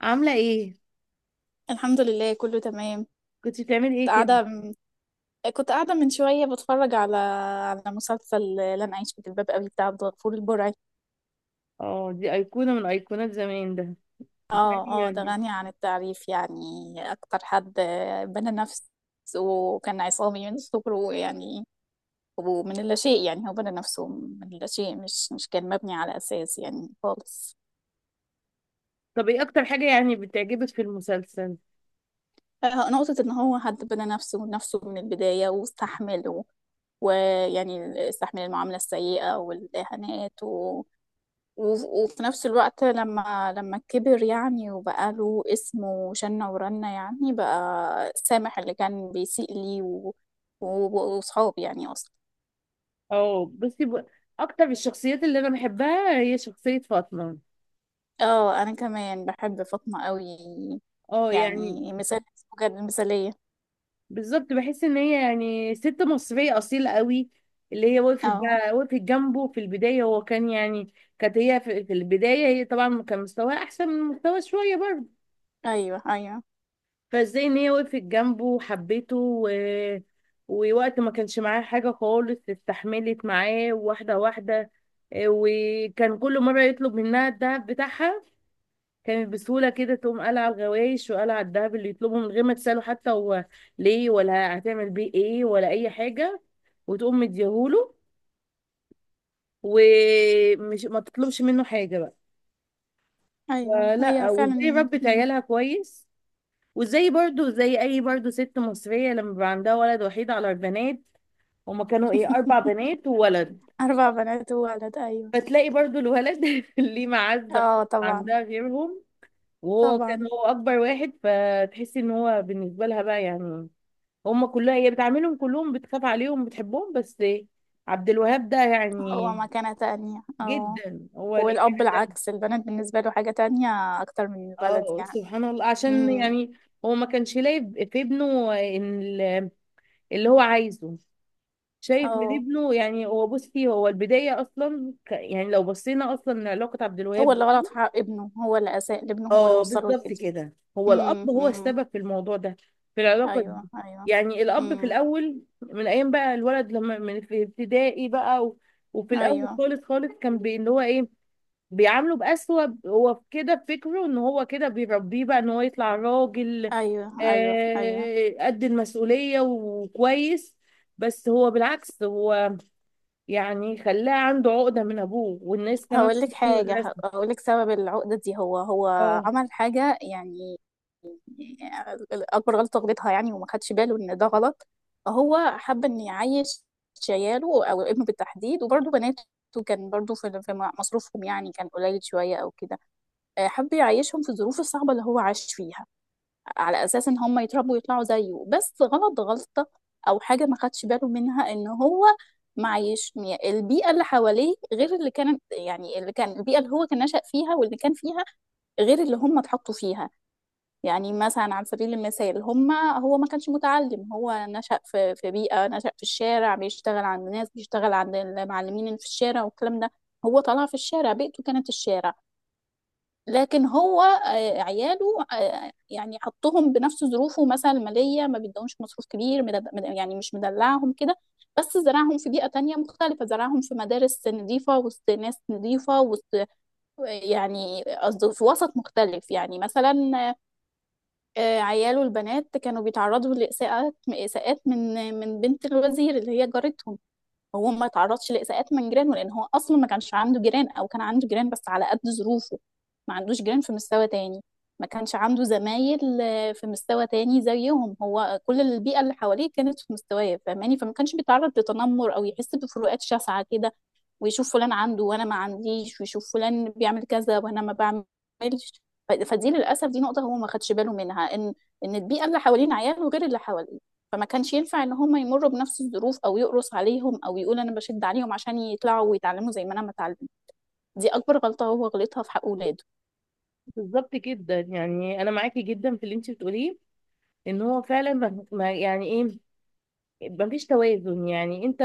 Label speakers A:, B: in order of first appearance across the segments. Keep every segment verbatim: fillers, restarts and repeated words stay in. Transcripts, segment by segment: A: عاملة ايه؟
B: الحمد لله، كله تمام.
A: كنت بتعملي
B: كنت
A: ايه كده؟
B: قاعدة كنت قاعدة من شوية بتفرج على على مسلسل لن أعيش في جلباب أبي بتاع عبد الغفور البرعي.
A: اه، دي أيقونة من أيقونات زمان ده. بتهيألي
B: اه، اه، ده
A: يعني.
B: غني عن التعريف يعني. أكتر حد بنى نفسه، وكان عصامي من صغره يعني، ومن اللاشيء يعني، هو بنى نفسه من اللاشيء، مش مش كان مبني على أساس يعني خالص.
A: طب ايه أكتر حاجة يعني بتعجبك في المسلسل؟
B: آه، نقطة إن هو حد بنى نفسه نفسه من البداية واستحمل، و- ويعني استحمل المعاملة السيئة والإهانات، وف- وفي نفس الوقت لما لما كبر يعني، وبقى له اسم وشنة ورنة يعني، بقى سامح اللي كان بيسيء لي، و- و- وصحاب يعني اصلا.
A: اه بصي ب... أكتر الشخصيات اللي أنا بحبها هي شخصية فاطمة.
B: اه، انا كمان بحب فاطمة قوي.
A: اه يعني.
B: يعني مثال بجد مثالية.
A: بالظبط، بحس إن هي يعني ست مصرية أصيلة قوي. اللي هي وقفت
B: اه،
A: بقى وقفت جنبه في البداية، هو كان يعني كانت هي في, في البداية، هي طبعا كان مستواها أحسن من مستوى شوية برضه.
B: ايوه، ايوه،
A: فازاي ان هي وقفت جنبه وحبته، و... ووقت ما كانش معاه حاجة خالص استحملت معاه واحدة واحدة. إيه، وكان كل مرة يطلب منها الدهب بتاعها، كانت بسهولة كده تقوم قالعة على الغوايش وقالعة على الدهب اللي يطلبه من غير ما تسأله حتى هو ليه ولا هتعمل بيه ايه ولا أي حاجة، وتقوم مديهوله، ومش ما تطلبش منه حاجة بقى.
B: ايوه هي
A: فلا، وازاي
B: فعلا
A: ربت
B: مم.
A: عيالها كويس. وزي برضو زي اي برضو ست مصرية لما بيبقى عندها ولد وحيد على البنات، هما كانوا ايه، اربع بنات وولد.
B: اربع بنات وولد، ايوه.
A: فتلاقي برضو الولد ليه معزة
B: اه، طبعا.
A: عندها غيرهم. وهو كان
B: طبعا،
A: هو اكبر واحد، فتحسي ان هو بالنسبة لها بقى يعني هما كلها، هي بتعاملهم كلهم، بتخاف عليهم بتحبهم، بس عبد الوهاب ده
B: هو
A: يعني
B: مكانة تانية، اه.
A: جدا هو ليه
B: والأب
A: حاجة.
B: العكس، البنات بالنسبة له حاجة تانية، أكتر من الولد
A: اه،
B: يعني.
A: سبحان الله، عشان
B: امم.
A: يعني هو ما كانش لاقي في ابنه ان ال- اللي هو عايزه، شايف من
B: اه،
A: ابنه. يعني هو بصي، هو البداية أصلا ك- يعني لو بصينا أصلا لعلاقة عبد
B: هو
A: الوهاب
B: اللي
A: دي-
B: غلط في حق ابنه، هو اللي أساء لابنه، هو اللي
A: اه
B: وصله
A: بالظبط
B: لكده.
A: كده، هو الأب
B: امم،
A: هو
B: امم.
A: السبب في الموضوع ده، في العلاقة
B: أيوه،
A: دي.
B: أيوه.
A: يعني الأب في
B: امم.
A: الأول من أيام بقى الولد لما من في ابتدائي بقى، و... وفي الأول
B: أيوه،
A: خالص خالص كان بي... اللي هو إيه، بيعامله بأسوأ. هو كده في فكره إن هو كده بيربيه بقى إن هو يطلع راجل
B: أيوه، أيوه، أيوه.
A: آه... قد المسؤولية وكويس، بس هو بالعكس هو يعني خلاه عنده عقدة من أبوه، والناس كمان
B: هقول لك
A: بتحبه
B: حاجة.
A: الرسم.
B: هقول لك سبب العقدة دي هو، هو
A: اه
B: عمل حاجة يعني. يعني أكبر غلطة غلطها يعني، وما خدش باله إن ده غلط. هو حب إن يعيش عياله، أو ابنه بالتحديد، وبرضه بناته. كان برضه في في مصروفهم يعني كان قليل شوية أو كده. آه، حب يعيشهم في الظروف الصعبة اللي هو عاش فيها، على اساس ان هم يتربوا يطلعوا زيه، بس غلط غلطة، او حاجة ما خدش باله منها، ان هو معيش البيئة اللي حواليه غير اللي كانت، يعني اللي كان البيئة اللي هو كان نشأ فيها واللي كان فيها غير اللي هم اتحطوا فيها. يعني مثلا، على سبيل المثال، هم هو ما كانش متعلم، هو نشأ في في بيئة، نشأ في الشارع، بيشتغل عند ناس، بيشتغل عند المعلمين اللي في الشارع والكلام ده. هو طلع في الشارع، بيئته كانت الشارع. لكن هو آه، عياله آه، يعني حطهم بنفس ظروفه، مثلا المالية، ما بيدهمش مصروف كبير، مدد- مد- يعني مش مدلعهم كده. بس زرعهم في بيئة تانية مختلفة، زرعهم في مدارس نظيفة، وسط ناس نظيفة، وسط، يعني قصدي في وسط مختلف يعني مثلا. آه، عياله البنات كانوا بيتعرضوا لإساءات، إساءات من من بنت الوزير اللي هي جارتهم. هو ما تعرضش لإساءات من جيرانه، لأن هو أصلا ما كانش عنده جيران، أو كان عنده جيران بس على قد ظروفه، ما عندوش جيران في مستوى تاني. ما كانش عنده زمايل آه، في مستوى تاني زيهم، هو كل البيئة اللي حواليه كانت في مستواه، فاهماني؟ فما كانش بيتعرض لتنمر، أو يحس بفروقات شاسعة كده، ويشوف فلان عنده وانا ما عنديش، ويشوف فلان بيعمل كذا وانا ما بعملش. ف- فدي للاسف، دي نقطه هو ما خدش باله منها، ان ان البيئه اللي حوالين عياله غير اللي حواليه. فما كانش ينفع ان هم يمروا بنفس الظروف، او يقرص عليهم، او يقول انا بشد عليهم عشان يطلعوا ويتعلموا زي ما انا ما اتعلمت. دي اكبر غلطه هو غلطها في حق اولاده.
A: بالظبط جدا، يعني أنا معاكي جدا في اللي أنت بتقوليه. إن هو فعلا ما ما- يعني إيه، مفيش توازن. يعني أنت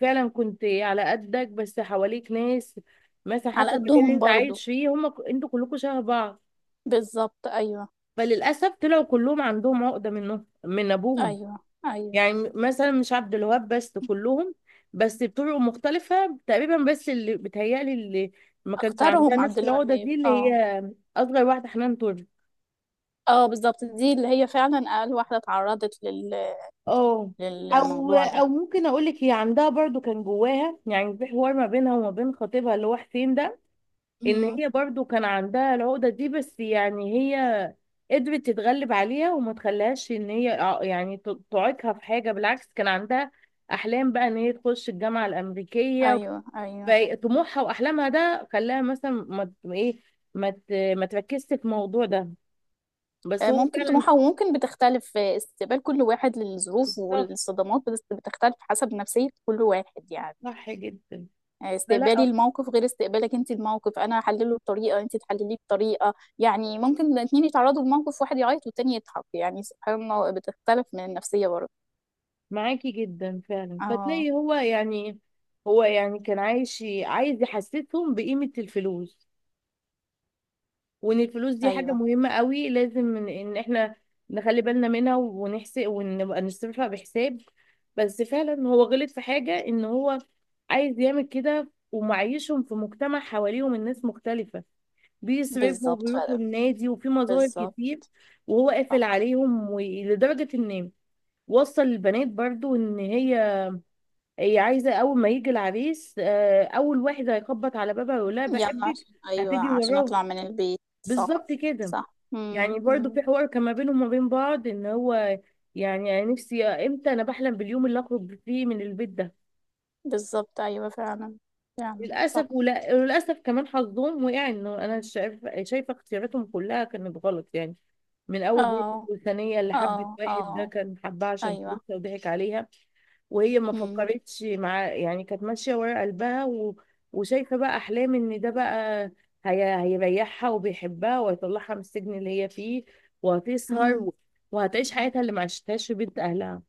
A: فعلا كنت على قدك، بس حواليك ناس، مثلا
B: على
A: حتى المكان اللي
B: قدهم
A: أنت
B: برضو.
A: عايش فيه هم ك- أنتوا كلكم شبه بعض.
B: بالظبط، ايوه.
A: فللأسف طلعوا كلهم عندهم عقدة منه، من أبوهم.
B: ايوه، ايوه،
A: يعني مثلا مش عبد الوهاب بس، كلهم، بس بطرق مختلفة تقريبا. بس اللي بتهيألي اللي ما كانش عندها
B: اكترهم
A: نفس
B: عبد
A: العقدة
B: الوهاب،
A: دي اللي هي
B: اه.
A: أصغر واحدة، حنان ترك.
B: اه، بالظبط، دي اللي هي فعلا اقل واحده اتعرضت لل...
A: اه. أو
B: للموضوع
A: أو ممكن أقول لك، هي عندها برضو كان جواها، يعني في حوار ما بينها وما بين خطيبها اللي هو حسين ده، إن
B: ده.
A: هي برضو كان عندها العقدة دي، بس يعني هي قدرت تتغلب عليها وما تخليهاش إن هي ع- يعني ت- تعيقها في حاجة. بالعكس كان عندها أحلام بقى إن هي تخش الجامعة الأمريكية.
B: ايوه، ايوه.
A: فطموحها واحلامها ده خلاها مثلا ما ما ايه، ما ت- ما تركزش في الموضوع ده. بس
B: آه،
A: هو
B: ممكن
A: فعلا.
B: طموحها، وممكن بتختلف، آه، استقبال كل واحد للظروف
A: صح،
B: والصدمات بتس- بتختلف حسب نفسية كل واحد يعني.
A: صح جدا.
B: آه، استقبالي
A: فلا،
B: الموقف غير استقبالك انت الموقف، انا احلله بطريقة، انت تحلليه بطريقة. يعني ممكن الاتنين يتعرضوا لموقف، واحد يعيط والتاني يضحك، يعني سبحان الله، بتختلف من النفسية برضه.
A: معاكي جدا فعلا.
B: اه.
A: فتلاقي هو يعني هو يعني كان عايش عايز يحسسهم بقيمة الفلوس، وان الفلوس دي حاجة
B: ايوه
A: مهمة قوي، لازم ان إن احنا نخلي بالنا منها ونحسب ونبقى نصرفها بحساب. بس فعلا هو غلط في حاجة، ان هو عايز يعمل كده ومعيشهم في مجتمع حواليهم الناس مختلفة، بيصرفوا
B: بالظبط، ف-
A: وبيروحوا النادي وفي مظاهر
B: بالظبط.
A: كتير، وهو قافل
B: صح.
A: عليهم. ولدرجة ان وصل البنات برضو، ان هي هي عايزة اول ما يجي العريس آه، اول واحد هيخبط على بابها يقول لها
B: يعني
A: بحبك
B: عشان، ايوه،
A: هتيجي
B: عشان
A: وراه،
B: اطلع من البيت، صح.
A: بالظبط كده.
B: صح، امم.
A: يعني برضو في حوار كان ما بينهم وما بين بعض، ان هو يعني أنا نفسي آه، امتى انا بحلم باليوم اللي اخرج فيه من البيت ده.
B: بالظبط، ايوه فعلا. فعلا، صح.
A: للاسف ولا- وللاسف كمان حظهم وقع انه، انا شايفه شايفه اختياراتهم كلها كانت غلط يعني. من اول بيت
B: اه،
A: الثانيه اللي
B: اه،
A: حبت واحد ده
B: اه.
A: كان حبها عشان
B: ايوه.
A: فلوسها وضحك عليها، وهي ما
B: امم،
A: فكرتش مع، يعني كانت ماشيه ورا قلبها، و... وشايفه بقى احلام ان ده بقى هي... هيريحها وبيحبها وهيطلعها من السجن اللي هي فيه، وهتسهر،
B: امم.
A: و... وهتعيش حياتها اللي ما عشتهاش في بيت اهلها.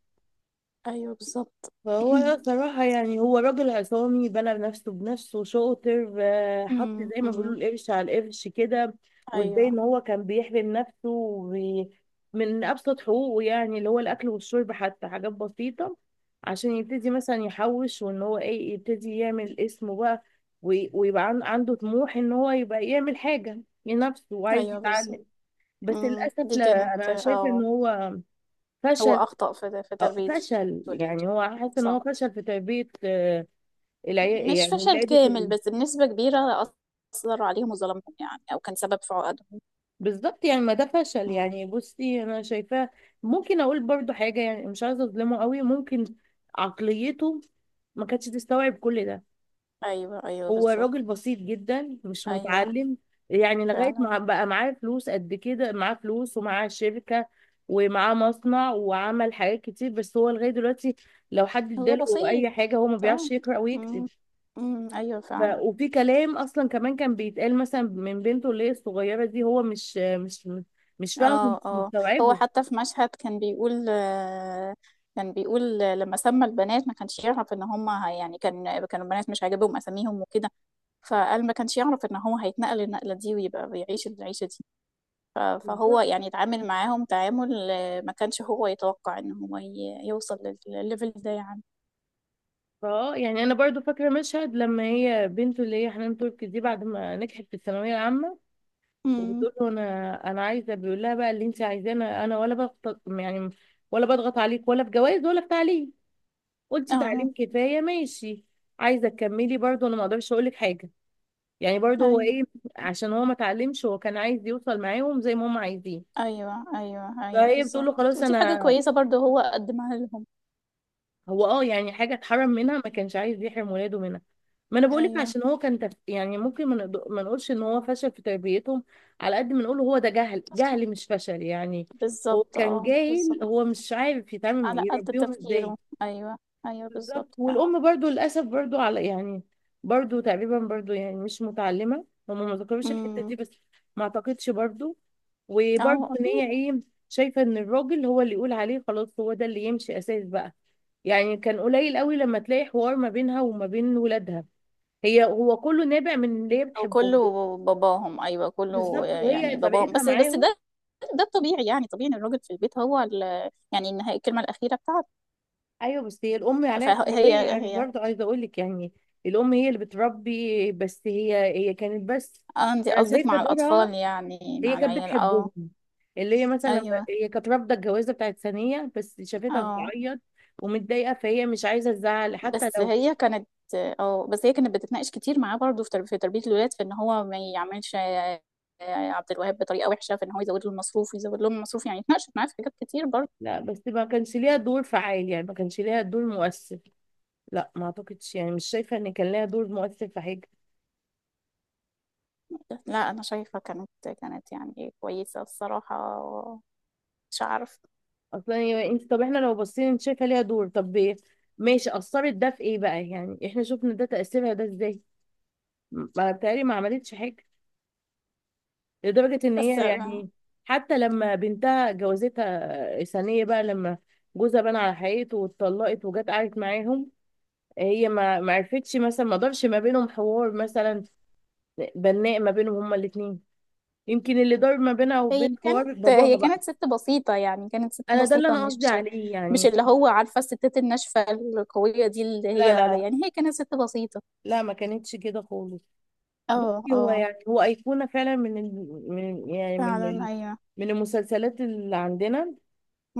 B: ايوه، بالظبط.
A: فهو صراحة يعني هو راجل عصامي بنى نفسه بنفسه، شاطر، آه، حط
B: امم،
A: زي ما بيقولوا
B: امم.
A: القرش على القرش كده. وازاي
B: ايوه،
A: ان هو كان بيحرم نفسه وبي- من ابسط حقوقه، يعني اللي هو الاكل والشرب، حتى حاجات بسيطة، عشان يبتدي مثلا يحوش وان هو ايه، يبتدي يعمل اسمه بقى، وي- ويبقى عن- عنده طموح ان هو يبقى يعمل حاجة لنفسه وعايز
B: ايوه، بالظبط.
A: يتعلم. بس
B: امم
A: للأسف
B: دي
A: لا،
B: كانت
A: أنا شايفة إن
B: اه
A: هو
B: هو
A: فشل.
B: اخطأ في في
A: آه،
B: تربية
A: فشل
B: وليد.
A: يعني هو حاسس ان هو
B: صح.
A: فشل في تربية آه، العيال،
B: مش
A: يعني
B: فشل
A: ولاده
B: كامل،
A: كلهم.
B: بس بنسبة كبيرة أثر عليهم وظلمهم يعني، أو كان سبب في عقدهم.
A: بالظبط، يعني ما ده فشل
B: امم.
A: يعني، بصي انا شايفاه. ممكن اقول برضو حاجة، يعني مش عايزة اظلمه قوي، ممكن عقليته ما كانتش تستوعب كل ده.
B: أيوه، أيوه،
A: هو
B: بالظبط.
A: راجل بسيط جدا، مش
B: أيوه
A: متعلم. يعني لغاية
B: فعلا.
A: ما بقى معاه فلوس قد كده، معاه فلوس ومعاه شركة ومعاه مصنع وعمل حاجات كتير، بس هو لغاية دلوقتي لو حد
B: هو
A: اداله
B: بسيط،
A: اي حاجة هو ما بيعرفش
B: اه.
A: يقرأ ويكتب.
B: امم، امم. أيوه
A: ف...
B: فعلا.
A: وفي كلام اصلا كمان كان بيتقال مثلا من بنته اللي هي الصغيره دي، هو مش مش مش فاهمه ومش
B: اه، اه، هو
A: مستوعبه.
B: حتى في مشهد كان بيقول، آه، كان بيقول، آه، لما سمى البنات ما كانش يعرف، ان هم هي- يعني كان كانوا البنات مش عاجبهم اساميهم وكده. فقال ما كانش يعرف ان هو هيتنقل النقلة دي، ويبقى بيعيش العيشة دي. ف- فهو
A: بالظبط.
B: يعني اتعامل معاهم تعامل، آه، ما كانش هو يتوقع ان هو ي- يوصل لل- للليفل ده يعني.
A: اه يعني انا برضو فاكره مشهد لما هي بنته اللي هي حنان تركي دي بعد ما نجحت في الثانويه العامه،
B: امم.
A: وبتقول له انا انا عايزه، بيقول لها بقى اللي انت عايزاه، انا ولا بضغط يعني، ولا بضغط عليك، ولا في جواز، ولا في تعليم. قلتي
B: اه،
A: تعليم كفايه، ماشي. عايزه تكملي برضو، انا ما اقدرش اقول لك حاجه. يعني برضو هو
B: ايوه،
A: ايه، عشان هو ما اتعلمش، هو كان عايز يوصل معاهم زي ما هم عايزين.
B: ايوه، ايوه، ايوه
A: فهي بتقول
B: بالظبط،
A: له خلاص
B: ودي حاجة
A: انا.
B: كويسة برضه هو قدمها لهم.
A: هو اه يعني حاجه اتحرم منها ما كانش عايز يحرم ولاده منها. ما انا بقول لك،
B: ايوه،
A: عشان هو كان تف... يعني ممكن ما نقد- ما نقولش ان هو فشل في تربيتهم، على قد ما نقول هو ده جهل، جهل مش فشل يعني. هو
B: بالظبط،
A: كان
B: اه
A: جاهل،
B: بالظبط.
A: هو مش عارف يتعامل
B: على قد
A: يربيهم ازاي.
B: تفكيره، ايوه. ايوه
A: بالظبط.
B: بالظبط فعلا.
A: والام برضو للاسف برضو على يعني برضو تقريبا برضو يعني مش متعلمه، هم ما ذكروش الحته
B: امم،
A: دي، بس ما اعتقدش برضو. وبرضو
B: اه
A: ان
B: اكيد.
A: هي ايه، شايفه ان الراجل هو اللي يقول عليه خلاص هو ده اللي يمشي اساس بقى. يعني كان قليل قوي لما تلاقي حوار ما بينها وما بين ولادها. هي هو كله نابع من اللي هي
B: او كله
A: بتحبهم.
B: باباهم، ايوه كله
A: بالظبط، وهي
B: يعني باباهم،
A: طريقتها
B: بس بس
A: معاهم.
B: ده ده الطبيعي يعني، طبيعي ان الراجل في البيت هو ال يعني النهاية الكلمه الاخيره بتاعته.
A: ايوه، بس هي الام عليها
B: فهي
A: تربيه، يعني
B: هي
A: برضه عايزه اقول لك يعني، الام هي اللي بتربي، بس هي هي كانت بس
B: اه، انت
A: انا
B: قصدك
A: شايفه
B: مع
A: دورها،
B: الاطفال يعني
A: هي
B: مع
A: كانت
B: العيال، اه.
A: بتحبهم. اللي هي مثلا لما-
B: ايوه.
A: هي كانت رافضه الجوازه بتاعت ثانيه، بس شافتها
B: اه
A: بتعيط ومتضايقه، فهي مش عايزه تزعل حتى
B: بس
A: لو.
B: هي كانت اه، بس هي كانت بتتناقش كتير معاه برضه في ترب- في تربيه الولاد، في ان هو ما يعملش آه، عبد الوهاب بطريقه وحشه، في ان هو يزود له المصروف، ويزود لهم المصروف يعني، اتناقشت معاه في حاجات كتير برضه.
A: لا، بس ما كانش ليها دور فعال، يعني ما كانش ليها دور مؤثر. لا ما اعتقدش، يعني مش شايفه ان كان ليها دور مؤثر في حاجه
B: لا أنا شايفة كانت كانت يعني كويسة الصراحة، مش عارف.
A: اصلا. يعني انت طب احنا لو بصينا، انت شايفه ليها دور، طب إيه؟ ماشي، اثرت ده في ايه بقى، يعني احنا شفنا ده تاثيرها ده ازاي. ما بتهيألي ما عملتش حاجه، لدرجه ان
B: بس
A: هي يعني حتى لما بنتها جوازتها ثانيه بقى، لما جوزها بان على حقيقته واتطلقت وجت قعدت معاهم، هي ما ما عرفتش مثلا، ما دارش ما بينهم حوار مثلا، بناء ما بينهم هما الاثنين. يمكن اللي دار ما بينها
B: هي
A: وبين
B: كانت
A: حوار باباها
B: هي
A: بقى.
B: كانت ست بسيطة، يعني كانت ست
A: انا ده اللي
B: بسيطة،
A: انا
B: مش
A: قصدي عليه
B: مش
A: يعني.
B: اللي هو عارفة الستات الناشفة القوية دي اللي هي،
A: لا لا لا.
B: يعني هي كانت ست بسيطة.
A: لا، ما كانتش كده خالص.
B: اه،
A: بصي هو
B: اه،
A: يعني هو أيقونة فعلا من ال... من يعني من
B: فعلا.
A: ال...
B: ايوه.
A: من المسلسلات اللي عندنا،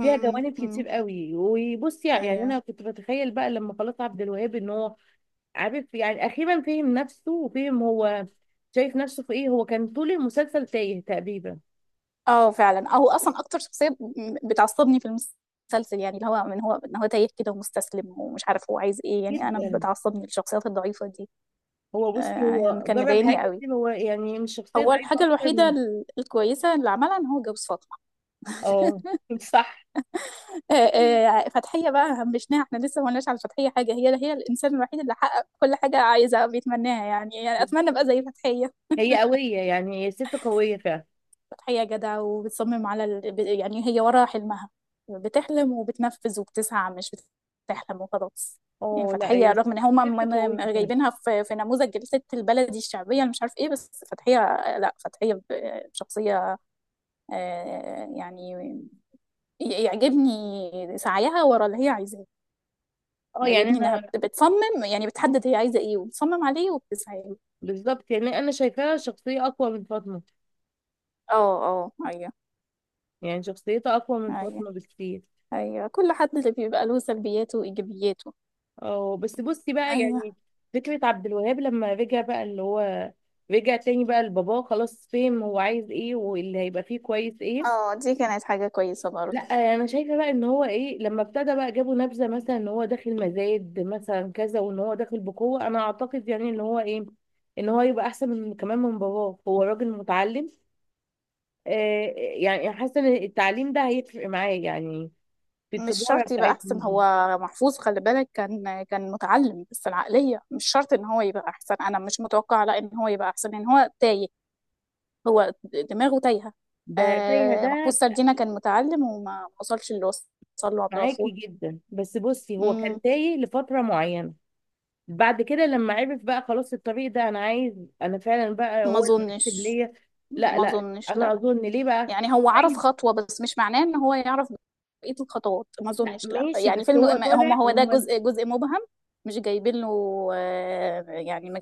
A: فيها جوانب
B: أمم.
A: كتير قوي. وبصي يعني،
B: ايوه،
A: أنا كنت بتخيل بقى لما خلاص عبد الوهاب إن هو عارف يعني أخيرا فهم نفسه، وفهم هو شايف نفسه في إيه. هو كان طول المسلسل تايه تقريبا.
B: اه فعلا، او اصلا اكتر شخصية ب- بتعصبني في المسلسل، يعني اللي هو من هو، ان هو تايه كده ومستسلم، ومش عارف هو عايز ايه يعني، انا
A: جدا.
B: بتعصبني الشخصيات الضعيفة دي.
A: هو بصي
B: آه،
A: هو
B: كان
A: جرب حاجات
B: مضايقني قوي.
A: كتير، هو يعني مش شخصية
B: هو
A: ضعيفة
B: الحاجة
A: أكتر
B: الوحيدة
A: من.
B: ال- الكويسة اللي عملها ان هو جوز فاطمة.
A: اه. صح.
B: آه، آه، فتحية بقى همشناها، احنا لسه ما قلناش على فتحية حاجة. هي هي الانسان الوحيد اللي حقق كل حاجة عايزها بيتمناها يعني، يعني اتمنى ابقى زي فتحية.
A: هي قوية، يعني هي ست قوية فعلا.
B: فتحية جدع، وبتصمم على ال... ب- يعني هي ورا حلمها، بتحلم وبتنفذ وبتسعى، مش بتحلم وخلاص. يعني
A: اه لا،
B: فتحية
A: هي
B: رغم ان هم م-
A: ست
B: م-
A: قوية
B: م-
A: فعلا.
B: جايبينها في في نموذج جلسة البلدي الشعبية اللي مش عارف ايه، بس فتحية لا، فتحية ب- شخصية، آه، يعني ي- يعجبني سعيها ورا اللي هي عايزاه.
A: اه يعني
B: يعجبني انها
A: انا.
B: بت- بتصمم، يعني بتحدد هي عايزه ايه، وبتصمم عليه، وبتسعى له.
A: بالظبط، يعني انا شايفاها شخصيه اقوى من فاطمه،
B: اه، اه، ايوه،
A: يعني شخصيتها اقوى من
B: ايوه،
A: فاطمه بكتير.
B: ايوه، كل حد اللي بيبقى له سلبياته وايجابياته.
A: اه، بس بصي بقى
B: ايوه.
A: يعني فكره عبد الوهاب لما رجع بقى اللي هو رجع تاني بقى لباباه، خلاص فهم هو عايز ايه واللي هيبقى فيه كويس ايه.
B: اه، دي كانت حاجه كويسه
A: لا،
B: برضه.
A: انا شايفه بقى ان هو ايه، لما ابتدى بقى جابوا نبذه مثلا ان هو داخل مزايد مثلا كذا وان هو داخل بقوه، انا اعتقد يعني ان هو ايه، ان هو يبقى احسن من كمان من باباه. هو راجل متعلم، آه، يعني حاسه ان التعليم ده هيفرق معاه يعني، في
B: مش
A: التجارة
B: شرط يبقى
A: بتاعتهم
B: احسن،
A: دي.
B: هو محفوظ خلي بالك كان كان متعلم، بس العقليه مش شرط ان هو يبقى احسن، انا مش متوقعه لا ان هو يبقى احسن، ان هو تايه. هو دماغه تايهه.
A: ده تايهة
B: آه، محفوظ
A: ده.
B: سردينة كان متعلم وما وصلش اللي وصل له عبد
A: معاكي
B: الغفور.
A: جدا، بس بصي هو كان
B: مم.
A: تايه لفترة معينة، بعد كده لما عرف بقى خلاص الطريق ده انا عايز، انا فعلا بقى
B: ما
A: هو المناسب
B: اظنش،
A: ليا. لا
B: ما
A: لا،
B: اظنش،
A: انا
B: لا.
A: اظن ليه بقى
B: يعني هو عرف
A: عايز.
B: خطوة، بس مش معناه ان هو يعرف بقية الخطوات، ما
A: لا
B: اظنش، لا
A: ماشي،
B: يعني
A: بس
B: فيلم.
A: هو
B: هم
A: طالع
B: هو ده
A: هم.
B: جزء جزء مبهم، مش جايبين له، آه، يعني ما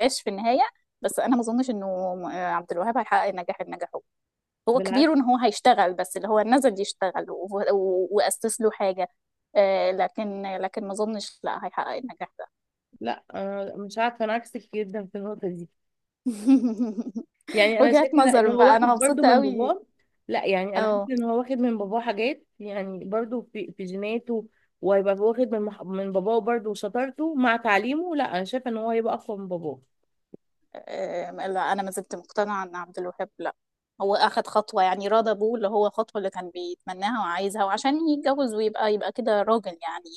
B: جاش في النهاية. بس انا ما اظنش انه آه، عبد الوهاب هيحقق النجاح اللي نجحه. هو
A: بالعكس.
B: كبير ان هو هيشتغل، بس اللي هو نزل يشتغل و- و- واسس له حاجة، آه، لكن لكن ما اظنش لا هيحقق النجاح ده.
A: لا أنا مش عارفة، انا عكسك جدا في النقطة دي. يعني انا شايفه
B: وجهات
A: لا، ان
B: نظر
A: هو
B: بقى، انا
A: واخد برضو
B: مبسوطة
A: من
B: قوي.
A: باباه. لا يعني انا حاسه
B: اه.
A: ان هو واخد من باباه حاجات يعني برضو في في جيناته، وهيبقى واخد من مح- من باباه برضو وشطارته مع تعليمه. لا، انا شايفه ان هو هيبقى اقوى من باباه.
B: آه، لا انا ما زلت مقتنعه ان عبد الوهاب لا، هو اخد خطوه يعني راضى بيه، اللي هو خطوه اللي كان بيتمناها وعايزها، وعشان يتجوز ويبقى يبقى كده راجل يعني.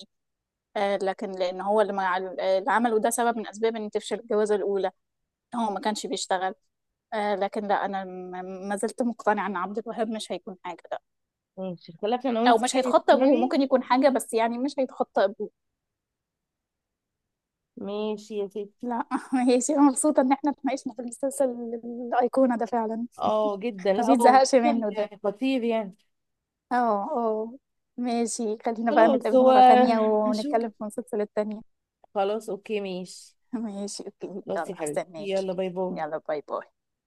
B: آه، لكن لان هو اللي ما اللي عمله ده سبب من اسباب ان تفشل الجوازه الاولى، هو ما كانش بيشتغل. آه، لكن لا، انا م- ما زلت مقتنعه ان عبد الوهاب مش هيكون حاجه ده.
A: ماشي، اختلفنا انا
B: او
A: وانت،
B: مش
A: يعني
B: هيتخطى ابوه،
A: تقنعني.
B: ممكن يكون حاجه، بس يعني مش هيتخطى ابوه.
A: ماشي يا ستي.
B: لا هي شيء مبسوطه ان احنا اتناقشنا في المسلسل الايقونه ده، فعلا
A: اه جدا،
B: ما
A: لا هو
B: بيتزهقش منه ده.
A: يعني خطير يعني.
B: اه، اه. ماشي، خلينا بقى
A: خلاص
B: نتقابل
A: هو،
B: مرة تانية
A: هشوف.
B: ونتكلم في سلسلة تانية.
A: خلاص اوكي ماشي.
B: ماشي، اوكي.
A: خلاص يا
B: يلا
A: حبيبتي،
B: هستناكي.
A: يلا باي باي.
B: يلا، باي باي.